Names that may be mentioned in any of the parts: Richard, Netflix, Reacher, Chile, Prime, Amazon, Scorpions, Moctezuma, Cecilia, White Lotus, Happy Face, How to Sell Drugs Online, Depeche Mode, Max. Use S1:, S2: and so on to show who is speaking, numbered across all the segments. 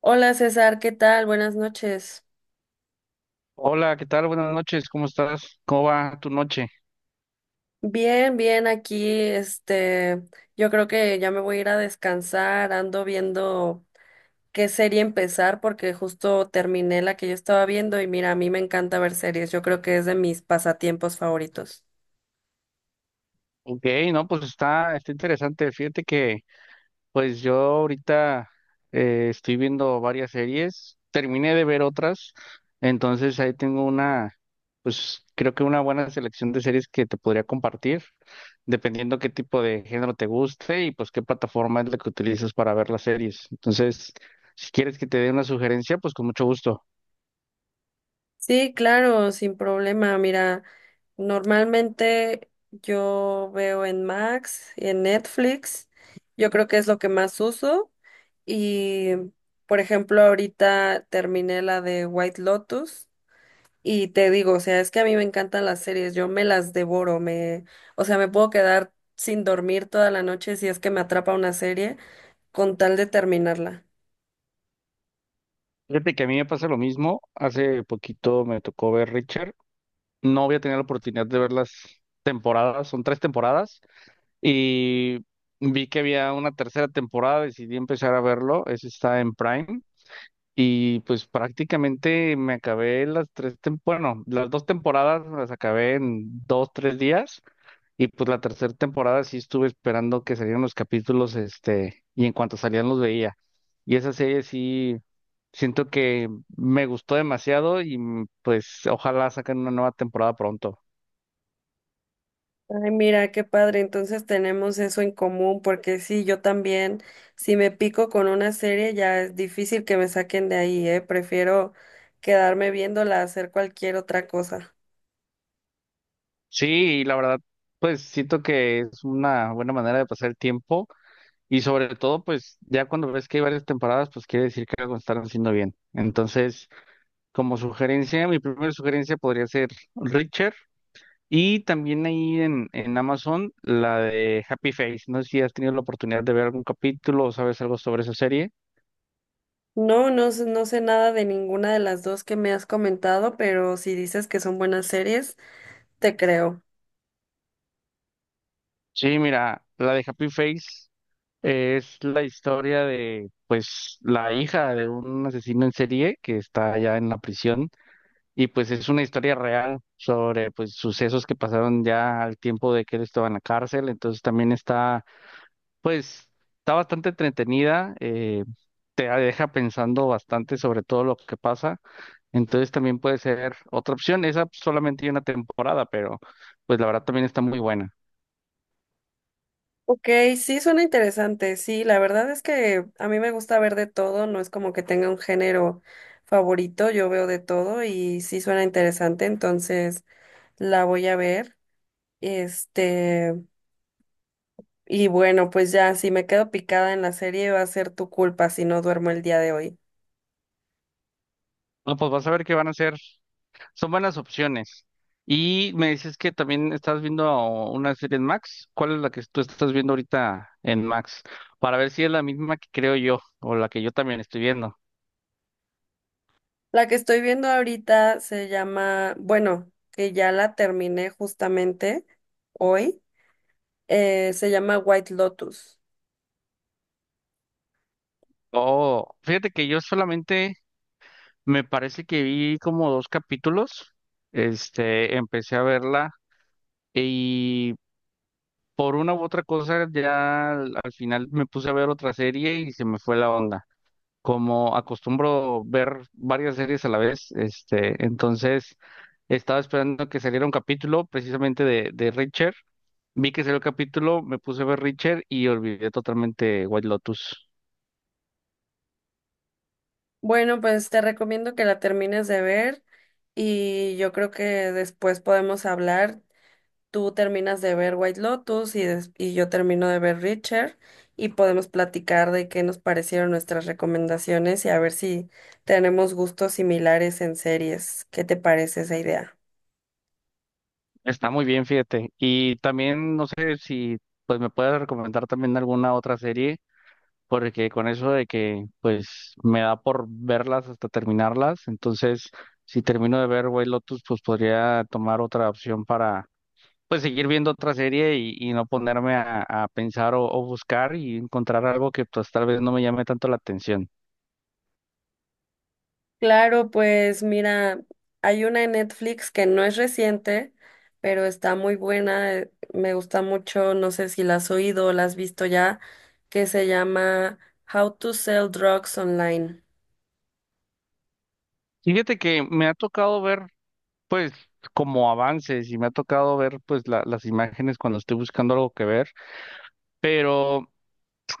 S1: Hola César, ¿qué tal? Buenas noches.
S2: Hola, ¿qué tal? Buenas noches, ¿cómo estás? ¿Cómo va tu noche?
S1: Bien, bien, aquí, yo creo que ya me voy a ir a descansar, ando viendo qué serie empezar porque justo terminé la que yo estaba viendo y mira, a mí me encanta ver series, yo creo que es de mis pasatiempos favoritos.
S2: Ok, no, pues está interesante. Fíjate que pues yo ahorita estoy viendo varias series, terminé de ver otras, entonces ahí tengo una, pues creo que una buena selección de series que te podría compartir, dependiendo qué tipo de género te guste y pues qué plataforma es la que utilizas para ver las series. Entonces, si quieres que te dé una sugerencia, pues con mucho gusto.
S1: Sí, claro, sin problema, mira, normalmente yo veo en Max y en Netflix. Yo creo que es lo que más uso. Y, por ejemplo, ahorita terminé la de White Lotus y te digo, o sea, es que a mí me encantan las series, yo me las devoro, o sea, me puedo quedar sin dormir toda la noche si es que me atrapa una serie con tal de terminarla.
S2: Fíjate que a mí me pasa lo mismo. Hace poquito me tocó ver Richard. No había tenido la oportunidad de ver las temporadas, son tres temporadas, y vi que había una tercera temporada, decidí empezar a verlo. Ese está en Prime. Y pues prácticamente me acabé las tres, bueno, las dos temporadas me las acabé en dos, tres días. Y pues la tercera temporada sí estuve esperando que salieran los capítulos, y en cuanto salían los veía. Y esa serie sí. Siento que me gustó demasiado y pues ojalá saquen una nueva temporada pronto.
S1: Ay, mira, qué padre, entonces tenemos eso en común, porque sí, yo también, si me pico con una serie, ya es difícil que me saquen de ahí, ¿eh? Prefiero quedarme viéndola, hacer cualquier otra cosa.
S2: Sí, y la verdad, pues siento que es una buena manera de pasar el tiempo y sobre todo, pues ya cuando ves que hay varias temporadas, pues quiere decir que algo están haciendo bien. Entonces, como sugerencia, mi primera sugerencia podría ser Richard, y también ahí en Amazon la de Happy Face. No sé si has tenido la oportunidad de ver algún capítulo o sabes algo sobre esa serie.
S1: No, no, no sé nada de ninguna de las dos que me has comentado, pero si dices que son buenas series, te creo.
S2: Sí, mira, la de Happy Face. Es la historia de, pues, la hija de un asesino en serie que está allá en la prisión, y pues es una historia real sobre, pues, sucesos que pasaron ya al tiempo de que él estaba en la cárcel. Entonces también está, pues, está bastante entretenida, te deja pensando bastante sobre todo lo que pasa. Entonces también puede ser otra opción. Esa solamente hay una temporada, pero pues la verdad también está muy buena.
S1: Ok, sí, suena interesante, sí, la verdad es que a mí me gusta ver de todo, no es como que tenga un género favorito, yo veo de todo y sí suena interesante, entonces la voy a ver. Este, y bueno, pues ya, si me quedo picada en la serie, va a ser tu culpa si no duermo el día de hoy.
S2: No, pues vas a ver qué van a hacer. Son buenas opciones. Y me dices que también estás viendo una serie en Max. ¿Cuál es la que tú estás viendo ahorita en Max? Para ver si es la misma que creo yo o la que yo también estoy viendo.
S1: La que estoy viendo ahorita se llama, bueno, que ya la terminé justamente hoy, se llama White Lotus.
S2: Oh, fíjate que yo solamente me parece que vi como dos capítulos. Empecé a verla y por una u otra cosa ya al final me puse a ver otra serie y se me fue la onda, como acostumbro ver varias series a la vez, entonces estaba esperando que saliera un capítulo precisamente de Reacher. Vi que salió el capítulo, me puse a ver Reacher y olvidé totalmente White Lotus.
S1: Bueno, pues te recomiendo que la termines de ver y yo creo que después podemos hablar. Tú terminas de ver White Lotus y, y yo termino de ver Richard y podemos platicar de qué nos parecieron nuestras recomendaciones y a ver si tenemos gustos similares en series. ¿Qué te parece esa idea?
S2: Está muy bien, fíjate. Y también no sé si pues me puedes recomendar también alguna otra serie, porque con eso de que pues me da por verlas hasta terminarlas, entonces si termino de ver White Lotus, pues podría tomar otra opción, pues seguir viendo otra serie y no ponerme a pensar o buscar y encontrar algo que pues tal vez no me llame tanto la atención.
S1: Claro, pues mira, hay una en Netflix que no es reciente, pero está muy buena, me gusta mucho, no sé si la has oído o la has visto ya, que se llama How to Sell Drugs Online.
S2: Fíjate que me ha tocado ver pues como avances y me ha tocado ver pues las imágenes cuando estoy buscando algo que ver, pero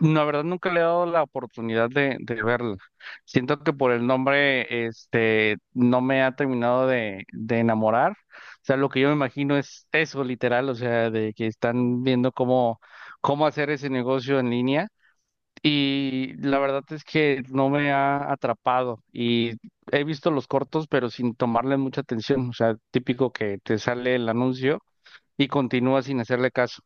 S2: la verdad nunca le he dado la oportunidad de verla. Siento que por el nombre, no me ha terminado de enamorar. O sea, lo que yo me imagino es eso, literal, o sea, de que están viendo cómo, cómo hacer ese negocio en línea. Y la verdad es que no me ha atrapado. Y he visto los cortos, pero sin tomarle mucha atención. O sea, típico que te sale el anuncio y continúas sin hacerle caso.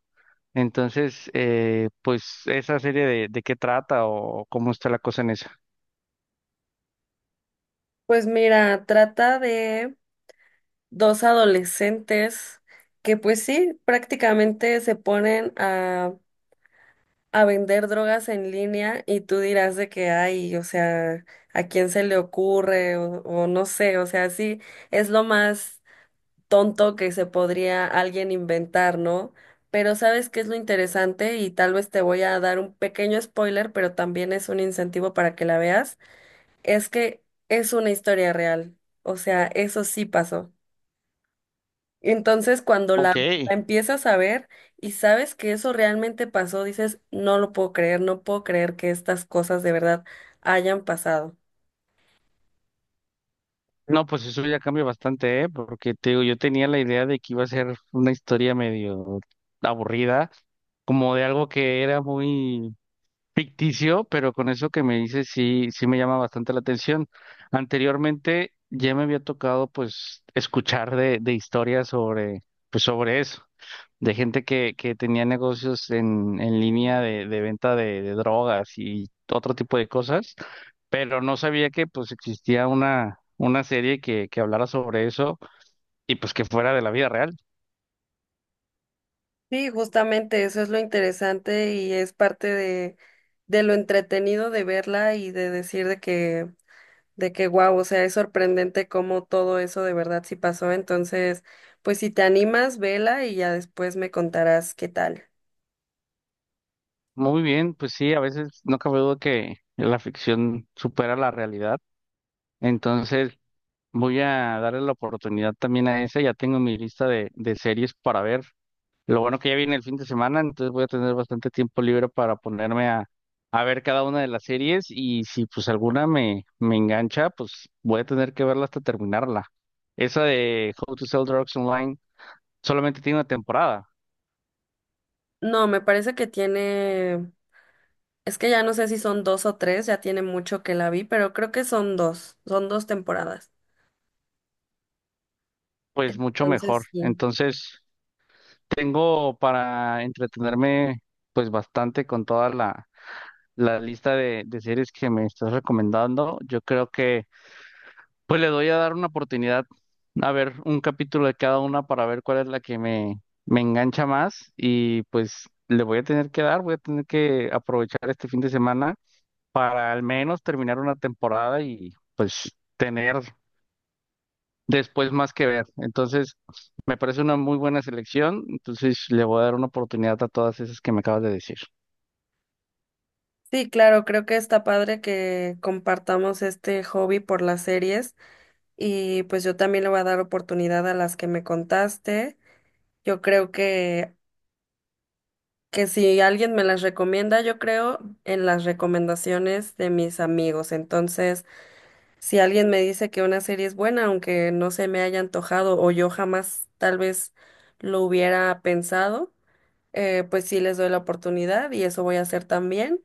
S2: Entonces, pues esa serie de qué trata o cómo está la cosa en esa.
S1: Pues mira, trata de dos adolescentes que pues sí, prácticamente se ponen a vender drogas en línea y tú dirás de que hay, o sea, ¿a quién se le ocurre? O no sé, o sea, sí, es lo más tonto que se podría alguien inventar, ¿no? Pero ¿sabes qué es lo interesante? Y tal vez te voy a dar un pequeño spoiler, pero también es un incentivo para que la veas, es que es una historia real, o sea, eso sí pasó. Entonces, cuando
S2: Ok.
S1: la empiezas a ver y sabes que eso realmente pasó, dices, no lo puedo creer, no puedo creer que estas cosas de verdad hayan pasado.
S2: No, pues eso ya cambia bastante, ¿eh? Porque te digo, yo tenía la idea de que iba a ser una historia medio aburrida, como de algo que era muy ficticio, pero con eso que me dices sí, sí me llama bastante la atención. Anteriormente ya me había tocado pues escuchar de historias sobre, pues sobre eso, de gente que tenía negocios en línea de venta de drogas y otro tipo de cosas, pero no sabía que pues existía una serie que hablara sobre eso y pues que fuera de la vida real.
S1: Sí, justamente eso es lo interesante y es parte de lo entretenido de verla y de decir de de que wow, o sea, es sorprendente cómo todo eso de verdad sí pasó. Entonces, pues si te animas, vela y ya después me contarás qué tal.
S2: Muy bien, pues sí, a veces no cabe duda que la ficción supera la realidad. Entonces, voy a darle la oportunidad también a esa. Ya tengo mi lista de series para ver. Lo bueno que ya viene el fin de semana, entonces voy a tener bastante tiempo libre para ponerme a ver cada una de las series, y si pues alguna me, me engancha, pues voy a tener que verla hasta terminarla. Esa de How to Sell Drugs Online solamente tiene una temporada,
S1: No, me parece que tiene. Es que ya no sé si son dos o tres, ya tiene mucho que la vi, pero creo que son dos temporadas.
S2: pues mucho mejor.
S1: Entonces, sí.
S2: Entonces tengo para entretenerme pues bastante con toda la, la lista de series que me estás recomendando. Yo creo que pues le doy a dar una oportunidad a ver un capítulo de cada una para ver cuál es la que me engancha más y pues le voy a tener que dar, voy a tener que aprovechar este fin de semana para al menos terminar una temporada y pues tener después más que ver. Entonces, me parece una muy buena selección, entonces le voy a dar una oportunidad a todas esas que me acabas de decir.
S1: Sí, claro, creo que está padre que compartamos este hobby por las series y pues yo también le voy a dar oportunidad a las que me contaste. Yo creo que si alguien me las recomienda, yo creo en las recomendaciones de mis amigos. Entonces, si alguien me dice que una serie es buena, aunque no se me haya antojado o yo jamás tal vez lo hubiera pensado, pues sí les doy la oportunidad y eso voy a hacer también.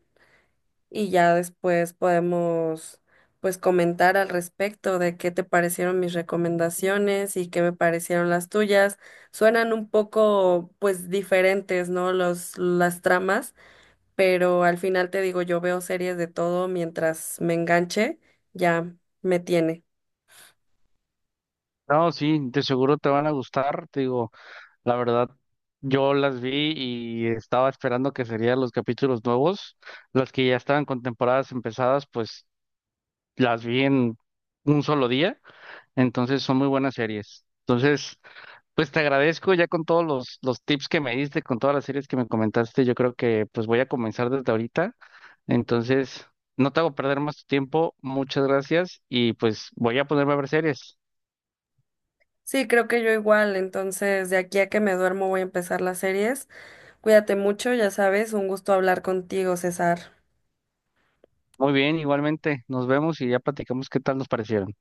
S1: Y ya después podemos pues comentar al respecto de qué te parecieron mis recomendaciones y qué me parecieron las tuyas. Suenan un poco pues diferentes, ¿no? Las tramas, pero al final te digo, yo veo series de todo mientras me enganche, ya me tiene.
S2: No, sí, de seguro te van a gustar, te digo. La verdad, yo las vi y estaba esperando que serían los capítulos nuevos. Las que ya estaban con temporadas empezadas, pues las vi en un solo día. Entonces son muy buenas series. Entonces, pues te agradezco ya con todos los tips que me diste, con todas las series que me comentaste. Yo creo que pues voy a comenzar desde ahorita. Entonces, no te hago perder más tu tiempo. Muchas gracias y pues voy a ponerme a ver series.
S1: Sí, creo que yo igual. Entonces, de aquí a que me duermo voy a empezar las series. Cuídate mucho, ya sabes, un gusto hablar contigo, César.
S2: Muy bien, igualmente. Nos vemos y ya platicamos qué tal nos parecieron.